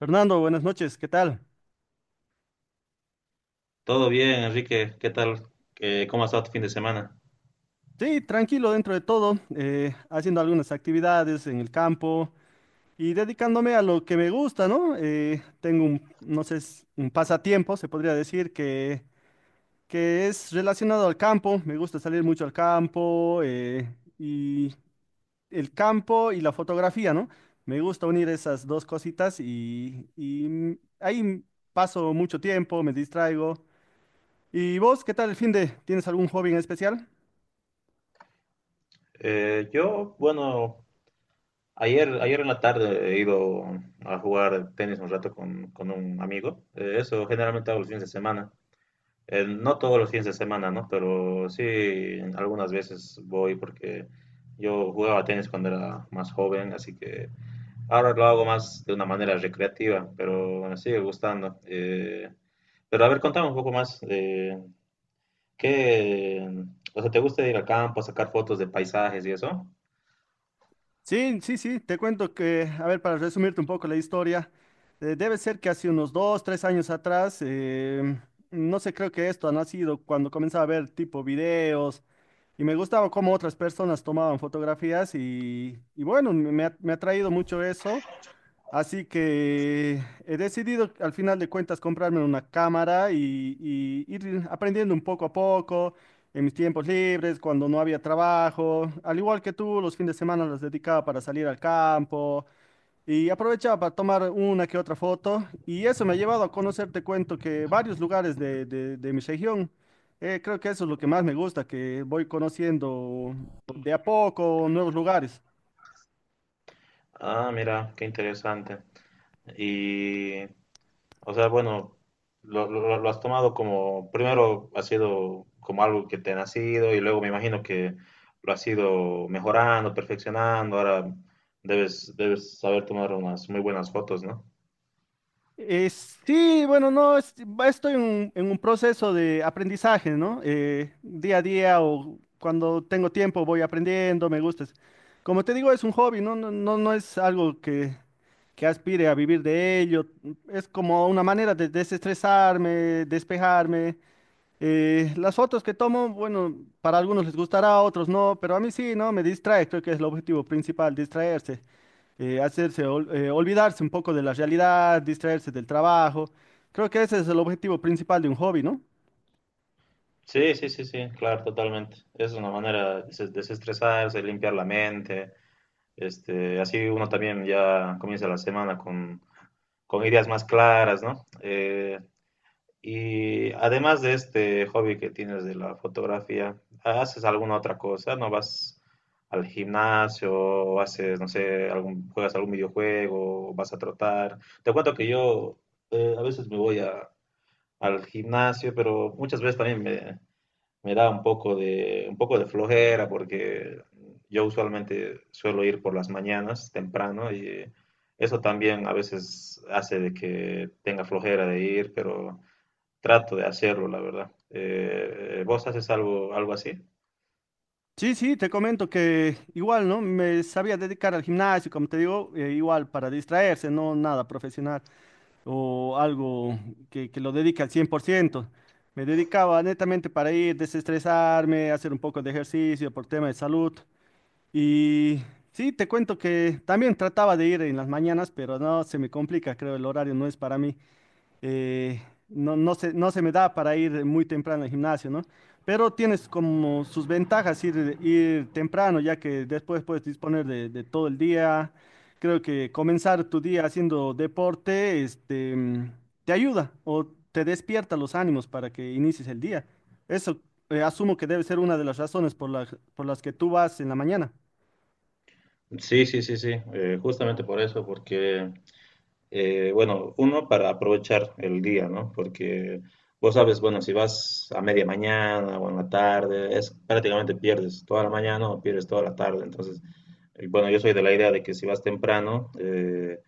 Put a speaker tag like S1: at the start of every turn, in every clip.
S1: Fernando, buenas noches, ¿qué tal?
S2: Todo bien, Enrique. ¿Qué tal? ¿cómo ha estado tu fin de semana?
S1: Sí, tranquilo dentro de todo, haciendo algunas actividades en el campo y dedicándome a lo que me gusta, ¿no? Tengo un, no sé, es un pasatiempo, se podría decir, que es relacionado al campo, me gusta salir mucho al campo y el campo y la fotografía, ¿no? Me gusta unir esas dos cositas y ahí paso mucho tiempo, me distraigo. ¿Y vos, qué tal el fin de? ¿Tienes algún hobby en especial?
S2: Yo, bueno, ayer en la tarde he ido a jugar tenis un rato con un amigo. Eso generalmente hago los fines de semana. No todos los fines de semana, ¿no? Pero sí, algunas veces voy porque yo jugaba tenis cuando era más joven, así que ahora lo hago más de una manera recreativa, pero me sigue gustando. Pero a ver, contame un poco más. ¿Qué, te gusta ir al campo a sacar fotos de paisajes y eso?
S1: Sí, sí, sí, te cuento que, a ver, para resumirte un poco la historia, debe ser que hace unos 2, 3 años atrás, no sé, creo que esto ha nacido cuando comenzaba a ver tipo videos y me gustaba cómo otras personas tomaban fotografías y bueno, me ha traído mucho eso. Así que he decidido al final de cuentas comprarme una cámara y ir aprendiendo un poco a poco en mis tiempos libres, cuando no había trabajo. Al igual que tú, los fines de semana los dedicaba para salir al campo y aprovechaba para tomar una que otra foto. Y eso me ha llevado a conocer, te cuento, que varios lugares de mi región. Creo que eso es lo que más me gusta, que voy conociendo de a poco nuevos lugares.
S2: Ah, mira, qué interesante. Y, o sea, bueno, lo has tomado como, primero ha sido como algo que te ha nacido y luego me imagino que lo has ido mejorando, perfeccionando. Ahora debes saber tomar unas muy buenas fotos, ¿no?
S1: Sí, bueno, no, estoy en un proceso de aprendizaje, ¿no? Día a día o cuando tengo tiempo voy aprendiendo, me gusta. Como te digo, es un hobby, no, no, no, no es algo que aspire a vivir de ello. Es como una manera de desestresarme, despejarme. Las fotos que tomo, bueno, para algunos les gustará, a otros no, pero a mí sí, ¿no? Me distrae, creo que es el objetivo principal, distraerse hacerse, olvidarse un poco de la realidad, distraerse del trabajo. Creo que ese es el objetivo principal de un hobby, ¿no?
S2: Sí, sí, sí, sí, claro, totalmente. Es una manera de desestresarse, limpiar la mente. Este, así uno también ya comienza la semana con ideas más claras, ¿no? Y además de este hobby que tienes de la fotografía, ¿haces alguna otra cosa? ¿No vas al gimnasio o haces, no sé, algún, juegas algún videojuego o vas a trotar? Te cuento que yo a veces al gimnasio, pero muchas veces también me da un poco de flojera porque yo usualmente suelo ir por las mañanas temprano y eso también a veces hace de que tenga flojera de ir, pero trato de hacerlo, la verdad. ¿Vos haces algo, algo así?
S1: Sí, sí, te comento que igual, ¿no? Me sabía dedicar al gimnasio, como te digo, igual para distraerse, no nada profesional o algo que lo dedique al 100%. Me dedicaba netamente para ir, desestresarme, hacer un poco de ejercicio por tema de salud. Y sí, te cuento que también trataba de ir en las mañanas, pero no, se me complica, creo, el horario no es para mí. eh, no, no se me da para ir muy temprano al gimnasio, ¿no? Pero tienes como sus ventajas ir, ir temprano, ya que después puedes disponer de todo el día. Creo que comenzar tu día haciendo deporte, te ayuda o te despierta los ánimos para que inicies el día. Eso, asumo que debe ser una de las razones por las que tú vas en la mañana.
S2: Sí, sí, sí, sí, justamente por eso, porque bueno, uno para aprovechar el día, ¿no? Porque vos sabes, bueno, si vas a media mañana o en la tarde, es prácticamente pierdes toda la mañana o pierdes toda la tarde. Entonces, bueno, yo soy de la idea de que si vas temprano,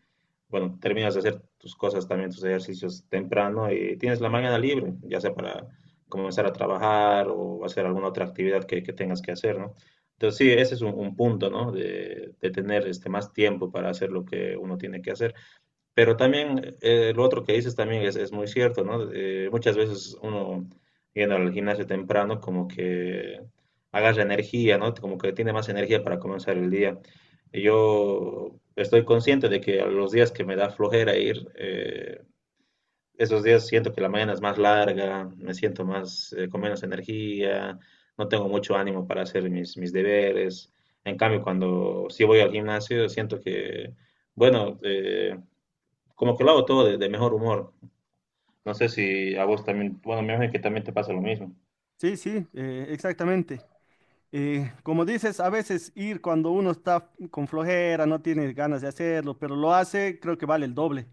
S2: bueno, terminas de hacer tus cosas también, tus ejercicios temprano y tienes la mañana libre, ya sea para comenzar a trabajar o hacer alguna otra actividad que tengas que hacer, ¿no? Entonces, sí, ese es un punto, ¿no? De tener este, más tiempo para hacer lo que uno tiene que hacer. Pero también lo otro que dices también es muy cierto, ¿no? Muchas veces uno yendo al gimnasio temprano como que agarra energía, ¿no? Como que tiene más energía para comenzar el día. Yo estoy consciente de que a los días que me da flojera ir, esos días siento que la mañana es más larga, me siento más con menos energía, no tengo mucho ánimo para hacer mis deberes. En cambio, cuando sí voy al gimnasio, siento que, bueno, como que lo hago todo de mejor humor. No sé si a vos también, bueno, me imagino que también te pasa lo mismo.
S1: Sí, sí, exactamente. Como dices, a veces ir cuando uno está con flojera, no tiene ganas de hacerlo, pero lo hace, creo que vale el doble.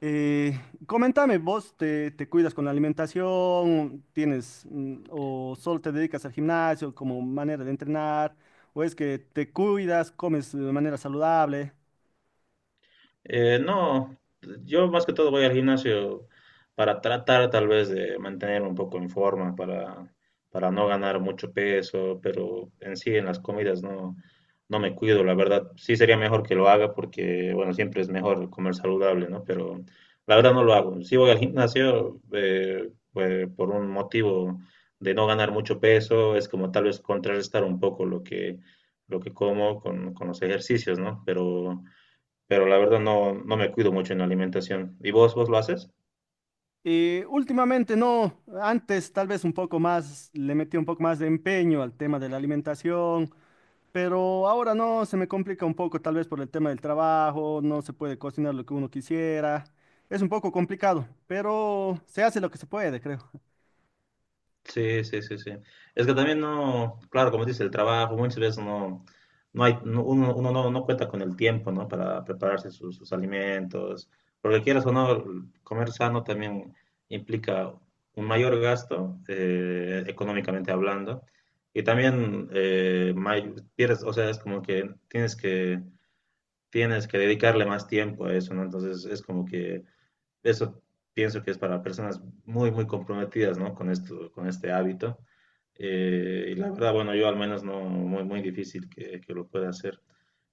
S1: Eh, Coméntame, ¿vos te cuidas con la alimentación? ¿Tienes o solo te dedicas al gimnasio como manera de entrenar? ¿O es que te cuidas, comes de manera saludable?
S2: No, yo más que todo voy al gimnasio para tratar tal vez de mantenerme un poco en forma, para no ganar mucho peso, pero en sí en las comidas no, no me cuido, la verdad. Sí sería mejor que lo haga porque, bueno, siempre es mejor comer saludable, ¿no? Pero la verdad no lo hago. Sí voy al gimnasio pues, por un motivo de no ganar mucho peso, es como tal vez contrarrestar un poco lo que como con los ejercicios, ¿no? Pero la verdad no, no me cuido mucho en la alimentación. ¿Y vos lo haces?
S1: Últimamente no, antes tal vez un poco más, le metí un poco más de empeño al tema de la alimentación. Pero ahora no, se me complica un poco, tal vez por el tema del trabajo, no se puede cocinar lo que uno quisiera. Es un poco complicado, pero se hace lo que se puede, creo.
S2: Sí, sí, sí, sí. Es que también no, claro, como dice el trabajo, muchas veces no, no hay, uno no, no cuenta con el tiempo, ¿no? Para prepararse sus alimentos, porque quieras o no, comer sano también implica un mayor gasto, económicamente hablando, y también pierdes, o sea, es como que tienes que, tienes que dedicarle más tiempo a eso, ¿no? Entonces es como que eso pienso que es para personas muy, muy comprometidas, ¿no? Con esto, con este hábito. Y la verdad, bueno, yo al menos no, muy, muy difícil que lo pueda hacer.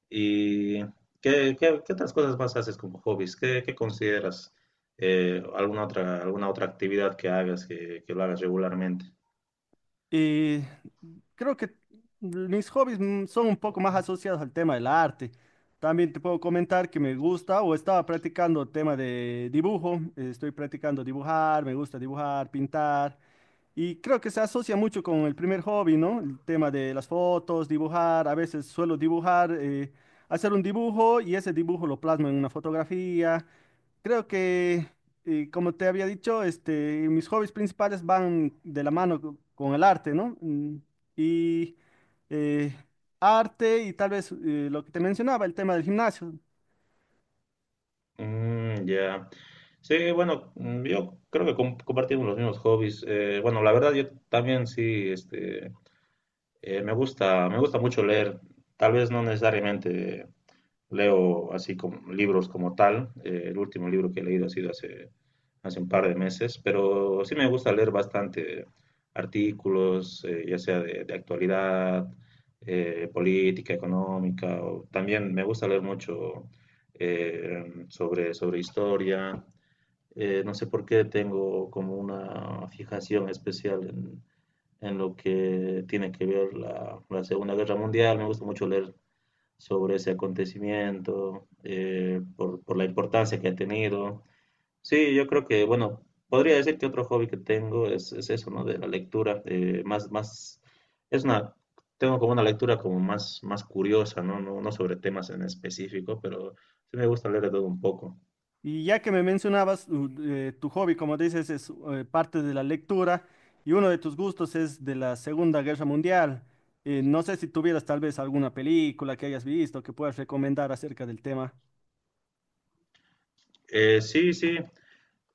S2: ¿Y qué, qué, qué otras cosas más haces como hobbies? ¿Qué, qué consideras? Eh, alguna otra actividad que hagas, que lo hagas regularmente.
S1: Y creo que mis hobbies son un poco más asociados al tema del arte. También te puedo comentar que me gusta o estaba practicando el tema de dibujo. Estoy practicando dibujar, me gusta dibujar, pintar. Y creo que se asocia mucho con el primer hobby, ¿no? El tema de las fotos, dibujar. A veces suelo dibujar, hacer un dibujo y ese dibujo lo plasmo en una fotografía. Creo que, como te había dicho, mis hobbies principales van de la mano con el arte, ¿no? Y eh, arte y tal vez lo que te mencionaba, el tema del gimnasio.
S2: Mm, ya. Sí, bueno, mm, yo creo que compartimos los mismos hobbies. Bueno, la verdad, yo también sí, este, eh, me gusta mucho leer. Tal vez no necesariamente leo así como libros como tal. El último libro que he leído ha sido hace un par de meses, pero sí me gusta leer bastante artículos, ya sea de actualidad, política, económica. También me gusta leer mucho sobre historia. No sé por qué tengo como una fijación especial en lo que tiene que ver la Segunda Guerra Mundial. Me gusta mucho leer sobre ese acontecimiento, por la importancia que ha tenido. Sí, yo creo que, bueno, podría decir que otro hobby que tengo es eso, ¿no? De la lectura, es una, tengo como una lectura como más curiosa, ¿no? No, no sobre temas en específico, pero sí me gusta leer de todo un poco.
S1: Y ya que me mencionabas, tu hobby, como dices, es parte de la lectura y uno de tus gustos es de la Segunda Guerra Mundial. No sé si tuvieras tal vez alguna película que hayas visto que puedas recomendar acerca del tema.
S2: Sí, sí,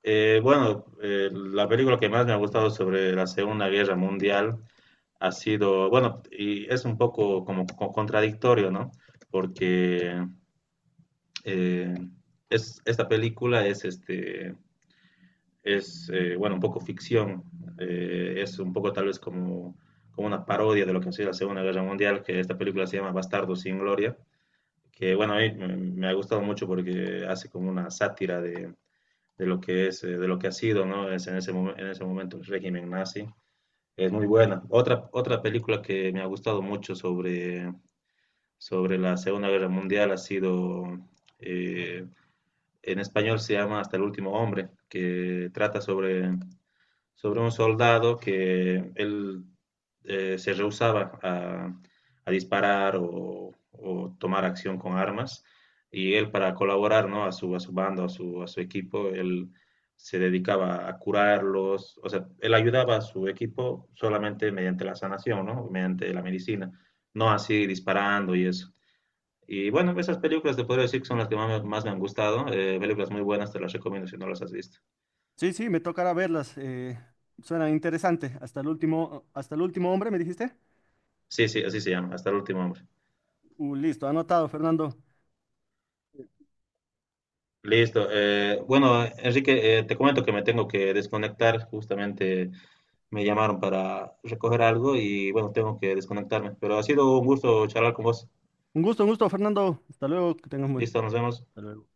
S2: bueno, la película que más me ha gustado sobre la Segunda Guerra Mundial ha sido, bueno, y es un poco como, contradictorio, ¿no? Porque eh, es, esta película es, este, es bueno, un poco ficción, es un poco tal vez como, como una parodia de lo que ha sido la Segunda Guerra Mundial, que esta película se llama Bastardos sin Gloria, que bueno, a mí me, me ha gustado mucho porque hace como una sátira de lo que es, de lo que ha sido, ¿no? Es en ese, en ese momento el régimen nazi. Es muy buena. Otra película que me ha gustado mucho sobre, sobre la Segunda Guerra Mundial ha sido, eh, en español se llama Hasta el último hombre, que trata sobre, sobre un soldado que él se rehusaba a disparar o, tomar acción con armas y él para colaborar ¿no? A su bando, a a su equipo, él se dedicaba a curarlos, o sea, él ayudaba a su equipo solamente mediante la sanación, ¿no? Mediante la medicina, no así disparando y eso. Y bueno, esas películas te podría decir que son las que más, más me han gustado. Eh, películas muy buenas, te las recomiendo si no las has visto.
S1: Sí, sí, me tocará verlas. Suenan interesante. Hasta el último hombre, ¿me dijiste?
S2: Sí, sí, así se llama, hasta el último hombre.
S1: Listo, anotado, Fernando.
S2: Listo. Eh, bueno, Enrique, te comento que me tengo que desconectar. Justamente me llamaron para recoger algo y bueno, tengo que desconectarme. Pero ha sido un gusto charlar con vos.
S1: Un gusto, Fernando. Hasta luego, que tengas un buen.
S2: Listo, nos vemos.
S1: Hasta luego.